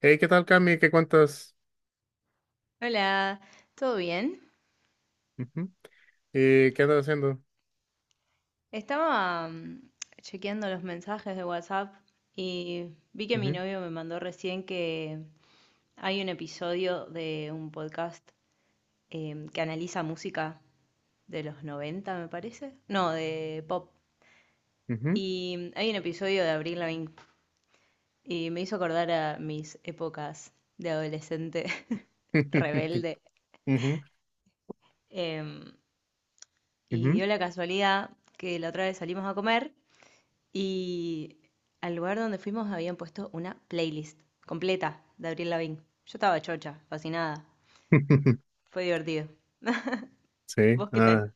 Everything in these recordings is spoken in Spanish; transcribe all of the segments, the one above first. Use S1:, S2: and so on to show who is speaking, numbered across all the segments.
S1: Hey, ¿qué tal, Cami? ¿Qué cuentas?
S2: Hola, ¿todo bien?
S1: Ujú. ¿Y qué andas haciendo?
S2: Estaba chequeando los mensajes de WhatsApp y vi que mi
S1: Ujú,
S2: novio me mandó recién que hay un episodio de un podcast que analiza música de los 90, me parece. No, de pop.
S1: ujú.
S2: Y hay un episodio de Avril Lavigne y me hizo acordar a mis épocas de adolescente rebelde.
S1: Ujú,
S2: Em, y
S1: ujú.
S2: dio la casualidad que la otra vez salimos a comer. Y al lugar donde fuimos habían puesto una playlist completa de Abril Lavigne. Yo estaba chocha, fascinada. Fue divertido.
S1: Sí.
S2: ¿Vos qué tal?
S1: Ah.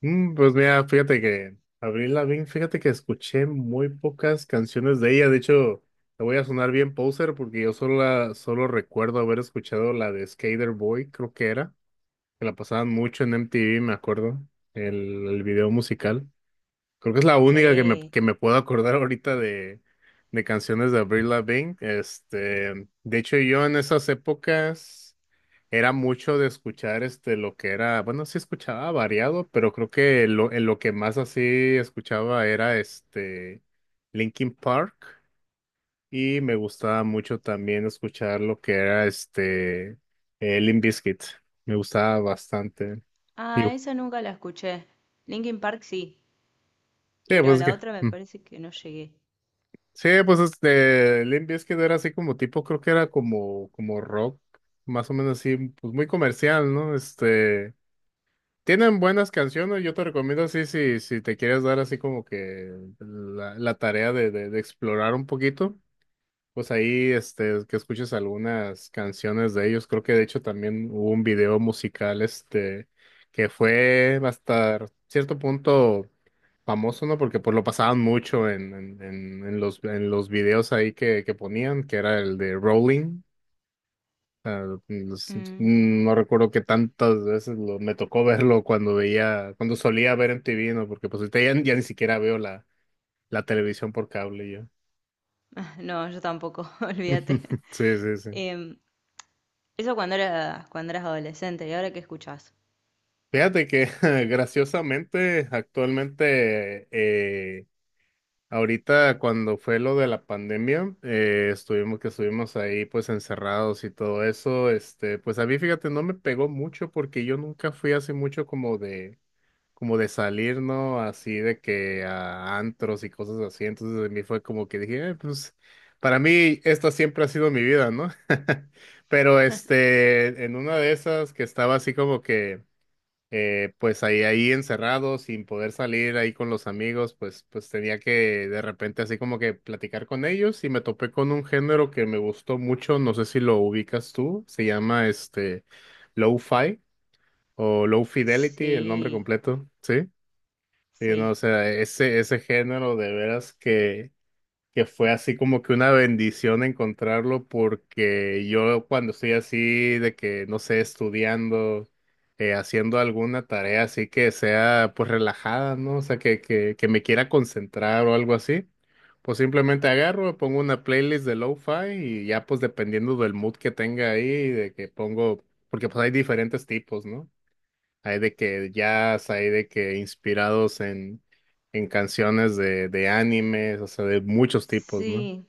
S1: Pues mira, fíjate que Avril Lavigne, fíjate que escuché muy pocas canciones de ella. De hecho, te voy a sonar bien poser porque yo solo, solo recuerdo haber escuchado la de Skater Boy, creo que era, que la pasaban mucho en MTV, me acuerdo, el video musical. Creo que es la única
S2: Sí.
S1: que me puedo acordar ahorita de canciones de Avril Lavigne. Este, de hecho, yo en esas épocas era mucho de escuchar este lo que era, bueno, sí escuchaba variado, pero creo que en lo que más así escuchaba era este Linkin Park y me gustaba mucho también escuchar lo que era este Limp Bizkit. Me gustaba bastante. Y,
S2: Ah, esa nunca la escuché. Linkin Park sí,
S1: sí,
S2: pero a
S1: pues
S2: la
S1: que.
S2: otra me parece que no llegué.
S1: Sí, pues este, Limp Bizkit era así como tipo, creo que era como, como rock, más o menos así, pues muy comercial, ¿no? Este, tienen buenas canciones, yo te recomiendo así si, si te quieres dar así como que la tarea de explorar un poquito, pues ahí, este, que escuches algunas canciones de ellos, creo que de hecho también hubo un video musical, este, que fue hasta cierto punto famoso, ¿no? Porque pues lo pasaban mucho en los videos ahí que ponían, que era el de Rolling. O los-
S2: Mm,
S1: no recuerdo que tantas veces me tocó verlo cuando veía, cuando solía ver en MTV, ¿no? Porque pues ahorita ya, ya ni siquiera veo la televisión por cable yo.
S2: No, yo tampoco, olvídate.
S1: Sí, sí, sí.
S2: Em, Eso cuando eras adolescente, ¿y ahora qué escuchás?
S1: Fíjate que graciosamente actualmente ahorita cuando fue lo de la pandemia, estuvimos que estuvimos ahí pues encerrados y todo eso, este, pues a mí fíjate, no me pegó mucho porque yo nunca fui así mucho como de salir, ¿no? Así de que a antros y cosas así, entonces a mí fue como que dije, pues para mí esta siempre ha sido mi vida, ¿no? Pero este, en una de esas que estaba así como que pues ahí, ahí encerrado, sin poder salir ahí con los amigos, pues, pues tenía que de repente así como que platicar con ellos y me topé con un género que me gustó mucho, no sé si lo ubicas tú, se llama este lo-fi o low fidelity, el nombre
S2: Sí,
S1: completo, ¿sí? Sí, no, o
S2: sí,
S1: sea, ese género de veras que fue así como que una bendición encontrarlo porque yo cuando estoy así de que, no sé, estudiando, haciendo alguna tarea así que sea pues relajada, ¿no? O sea, que me quiera concentrar o algo así, pues simplemente agarro, pongo una playlist de lo-fi y ya pues dependiendo del mood que tenga ahí, de que pongo, porque pues hay diferentes tipos, ¿no? Hay de que jazz, hay de que inspirados en canciones de animes, o sea, de muchos tipos, ¿no?
S2: sí.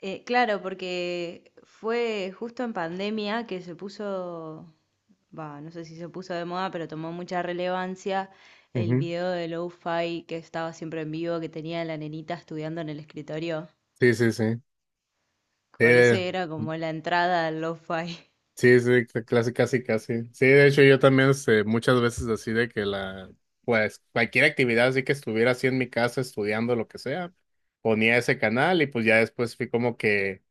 S2: Claro, porque fue justo en pandemia que se puso, va, no sé si se puso de moda, pero tomó mucha relevancia el
S1: Ujú.
S2: video de Lo-Fi que estaba siempre en vivo, que tenía la nenita estudiando en el escritorio.
S1: Sí, sí, sí.
S2: Por
S1: Eh,
S2: ese era como la entrada al Lo-Fi.
S1: sí, sí, casi, casi, casi. Sí, de hecho, yo también este, muchas veces así de que la, pues, cualquier actividad así que estuviera así en mi casa estudiando lo que sea, ponía ese canal y pues ya después fui como que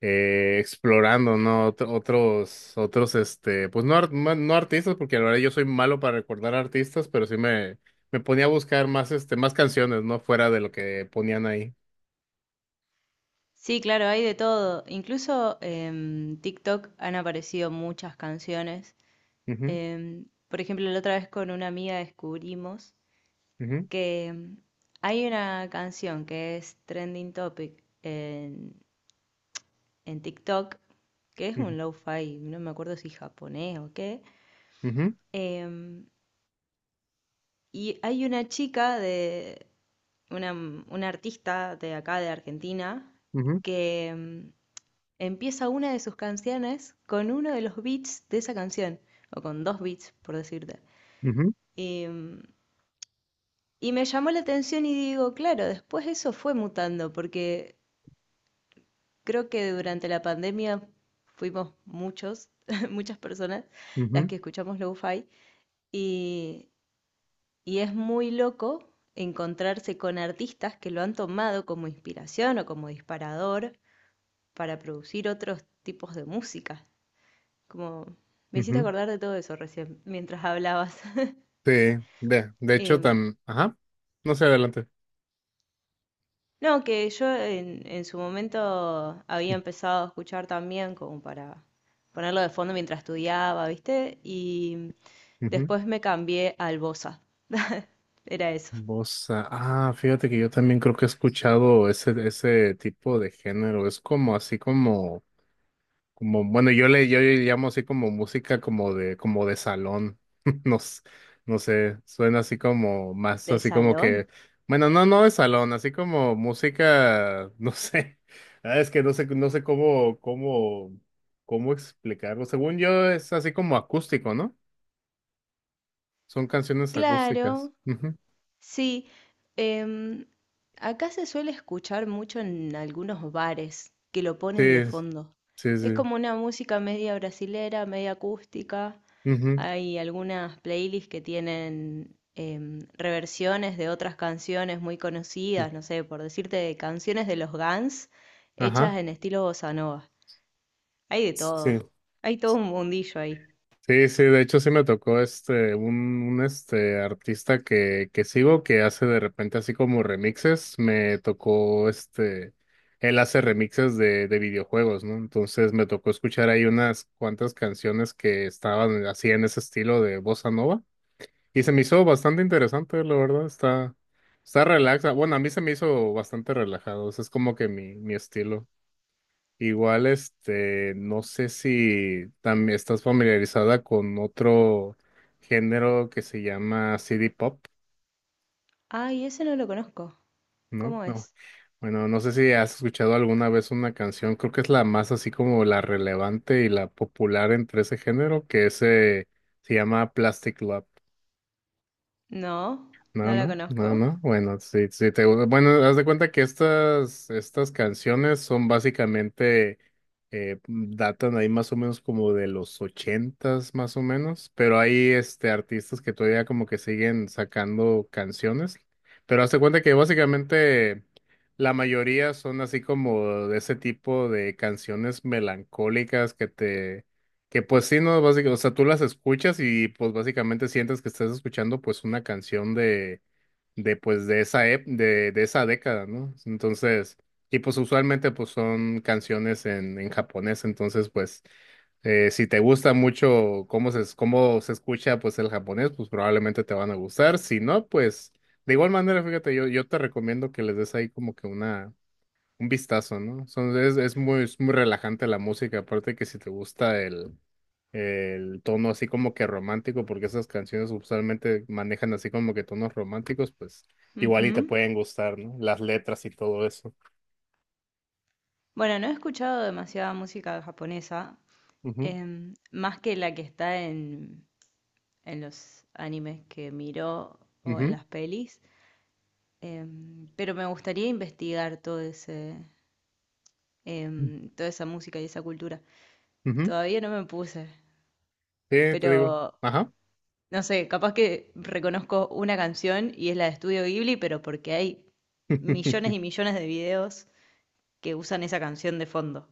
S1: explorando, ¿no? Otros, este, pues no, no artistas, porque la verdad yo soy malo para recordar artistas, pero sí me ponía a buscar más, este, más canciones, ¿no? Fuera de lo que ponían ahí.
S2: Sí, claro, hay de todo. Incluso en TikTok han aparecido muchas canciones.
S1: Ujú,
S2: Por ejemplo, la otra vez con una amiga descubrimos
S1: ujú,
S2: que hay una canción que es trending topic en TikTok, que es un
S1: ujú,
S2: lo-fi, no me acuerdo si japonés o qué,
S1: ujú,
S2: em, y hay una chica de, una, una artista de acá de Argentina, que empieza una de sus canciones con uno de los beats de esa canción, o con dos beats, por decirte.
S1: ujú,
S2: Y, mm, y me llamó la atención y digo, claro, después eso fue mutando, porque creo que durante la pandemia fuimos muchos, muchas personas
S1: ujú,
S2: las
S1: ujú,
S2: que escuchamos lo-fi y, y es muy loco encontrarse con artistas que lo han tomado como inspiración o como disparador para producir otros tipos de música. Como me hiciste
S1: ujú.
S2: acordar de todo eso recién, mientras hablabas.
S1: Sí, de hecho,
S2: Eh,
S1: tan, ajá, no sé, adelante.
S2: no, que yo en su momento había empezado a escuchar también como para ponerlo de fondo mientras estudiaba, ¿viste? Y
S1: Ujú.
S2: después me cambié al Bosa. Era eso.
S1: Bossa. Ah, fíjate que yo también creo que he escuchado ese, ese tipo de género. Es como así como como, bueno, yo le llamo así como música como de salón. No, no sé, suena así como más
S2: ¿De
S1: así como que,
S2: salón?
S1: bueno, no, no de salón, así como música, no sé. Ah, es que no sé, no sé cómo, cómo, cómo explicarlo. Según yo, es así como acústico, ¿no? Son canciones
S2: Claro,
S1: acústicas. Ujú.
S2: sí. Em, Acá se suele escuchar mucho en algunos bares que lo
S1: Sí,
S2: ponen de fondo.
S1: sí,
S2: Es
S1: sí.
S2: como una música media brasilera, media acústica.
S1: Ujú.
S2: Hay algunas playlists que tienen reversiones de otras canciones muy
S1: Sí.
S2: conocidas, no sé, por decirte, de canciones de los Guns
S1: Ajá.
S2: hechas en estilo bossa nova. Hay de todo. Hay todo un mundillo ahí.
S1: Sí, sí, de hecho sí me tocó este, un, este artista que sigo que hace de repente así como remixes, me tocó este, él hace remixes de videojuegos, ¿no? Entonces me tocó escuchar ahí unas cuantas canciones que estaban así en ese estilo de bossa nova y se me hizo bastante interesante, la verdad, está, está relaxa, bueno, a mí se me hizo bastante relajado, ese es como que mi estilo. Igual, este, no sé si también estás familiarizada con otro género que se llama CD Pop,
S2: Ay, ese no lo conozco.
S1: ¿no?
S2: ¿Cómo
S1: No.
S2: es?
S1: Bueno, no sé si has escuchado alguna vez una canción, creo que es la más así como la relevante y la popular entre ese género, que ese se llama Plastic Love.
S2: No,
S1: No,
S2: no la
S1: no,
S2: conozco.
S1: no, no. Bueno, sí, sí te gusta. Bueno, haz de cuenta que estas, estas canciones son básicamente, datan ahí más o menos como de los ochentas, más o menos, pero hay este artistas que todavía como que siguen sacando canciones. Pero haz de cuenta que básicamente la mayoría son así como de ese tipo de canciones melancólicas que te que pues sí, no, básicamente, o sea, tú las escuchas y pues básicamente sientes que estás escuchando pues una canción de pues de esa, de esa década, ¿no? Entonces, y pues usualmente pues son canciones en japonés, entonces pues si te gusta mucho cómo se escucha pues el japonés, pues probablemente te van a gustar, si no, pues de igual manera, fíjate, yo te recomiendo que les des ahí como que una un vistazo, ¿no? Es muy relajante la música, aparte que si te gusta el tono así como que romántico, porque esas canciones usualmente manejan así como que tonos románticos, pues igual y te
S2: Ujú.
S1: pueden gustar, ¿no? Las letras y todo eso.
S2: Bueno, no he escuchado demasiada música japonesa,
S1: Ujú,
S2: más que la que está en los animes que miro o en
S1: ujú,
S2: las pelis, pero me gustaría investigar todo ese, toda esa música y esa cultura.
S1: ujú.
S2: Todavía no me puse,
S1: Sí, te digo.
S2: pero
S1: Ajá.
S2: no sé, capaz que reconozco una canción y es la de Estudio Ghibli, pero porque hay millones y millones de videos que usan esa canción de fondo.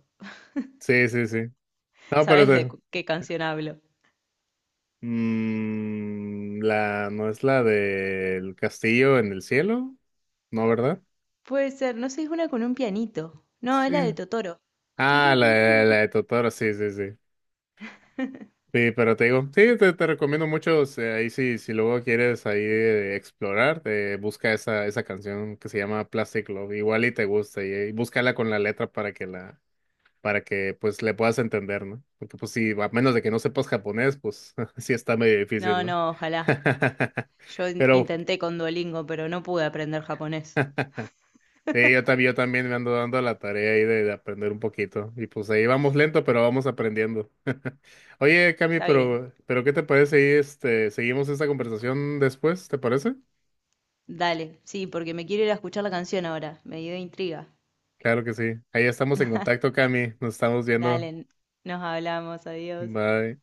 S1: Sí, sí, sí. No, pero
S2: ¿Sabes de qué canción hablo?
S1: mm, la, no es la del castillo en el cielo, ¿no, verdad?
S2: Puede ser, no sé, es una con un pianito. No, es la de
S1: Sí.
S2: Totoro.
S1: Ah, la
S2: Turururu.
S1: de Totoro, sí, sí, sí. Sí, pero te digo, sí, te recomiendo mucho, o sea, ahí sí, si luego quieres ahí explorar, te busca esa, esa canción que se llama Plastic Love, igual y te gusta, y búscala con la letra para para que pues le puedas entender, ¿no? Porque pues sí, a menos de que no sepas japonés, pues sí está medio difícil,
S2: No,
S1: ¿no?
S2: no, ojalá. Yo
S1: Pero
S2: intenté con Duolingo, pero no pude aprender japonés.
S1: sí, yo también me ando dando la tarea ahí de aprender un poquito. Y pues ahí vamos lento, pero vamos aprendiendo. Oye, Cami,
S2: Está bien.
S1: pero ¿qué te parece ahí, este, seguimos esta conversación después? ¿Te parece?
S2: Dale, sí, porque me quiero ir a escuchar la canción ahora. Me dio intriga.
S1: Claro que sí. Ahí estamos en contacto, Cami. Nos estamos
S2: Dale,
S1: viendo.
S2: nos hablamos, adiós.
S1: Bye.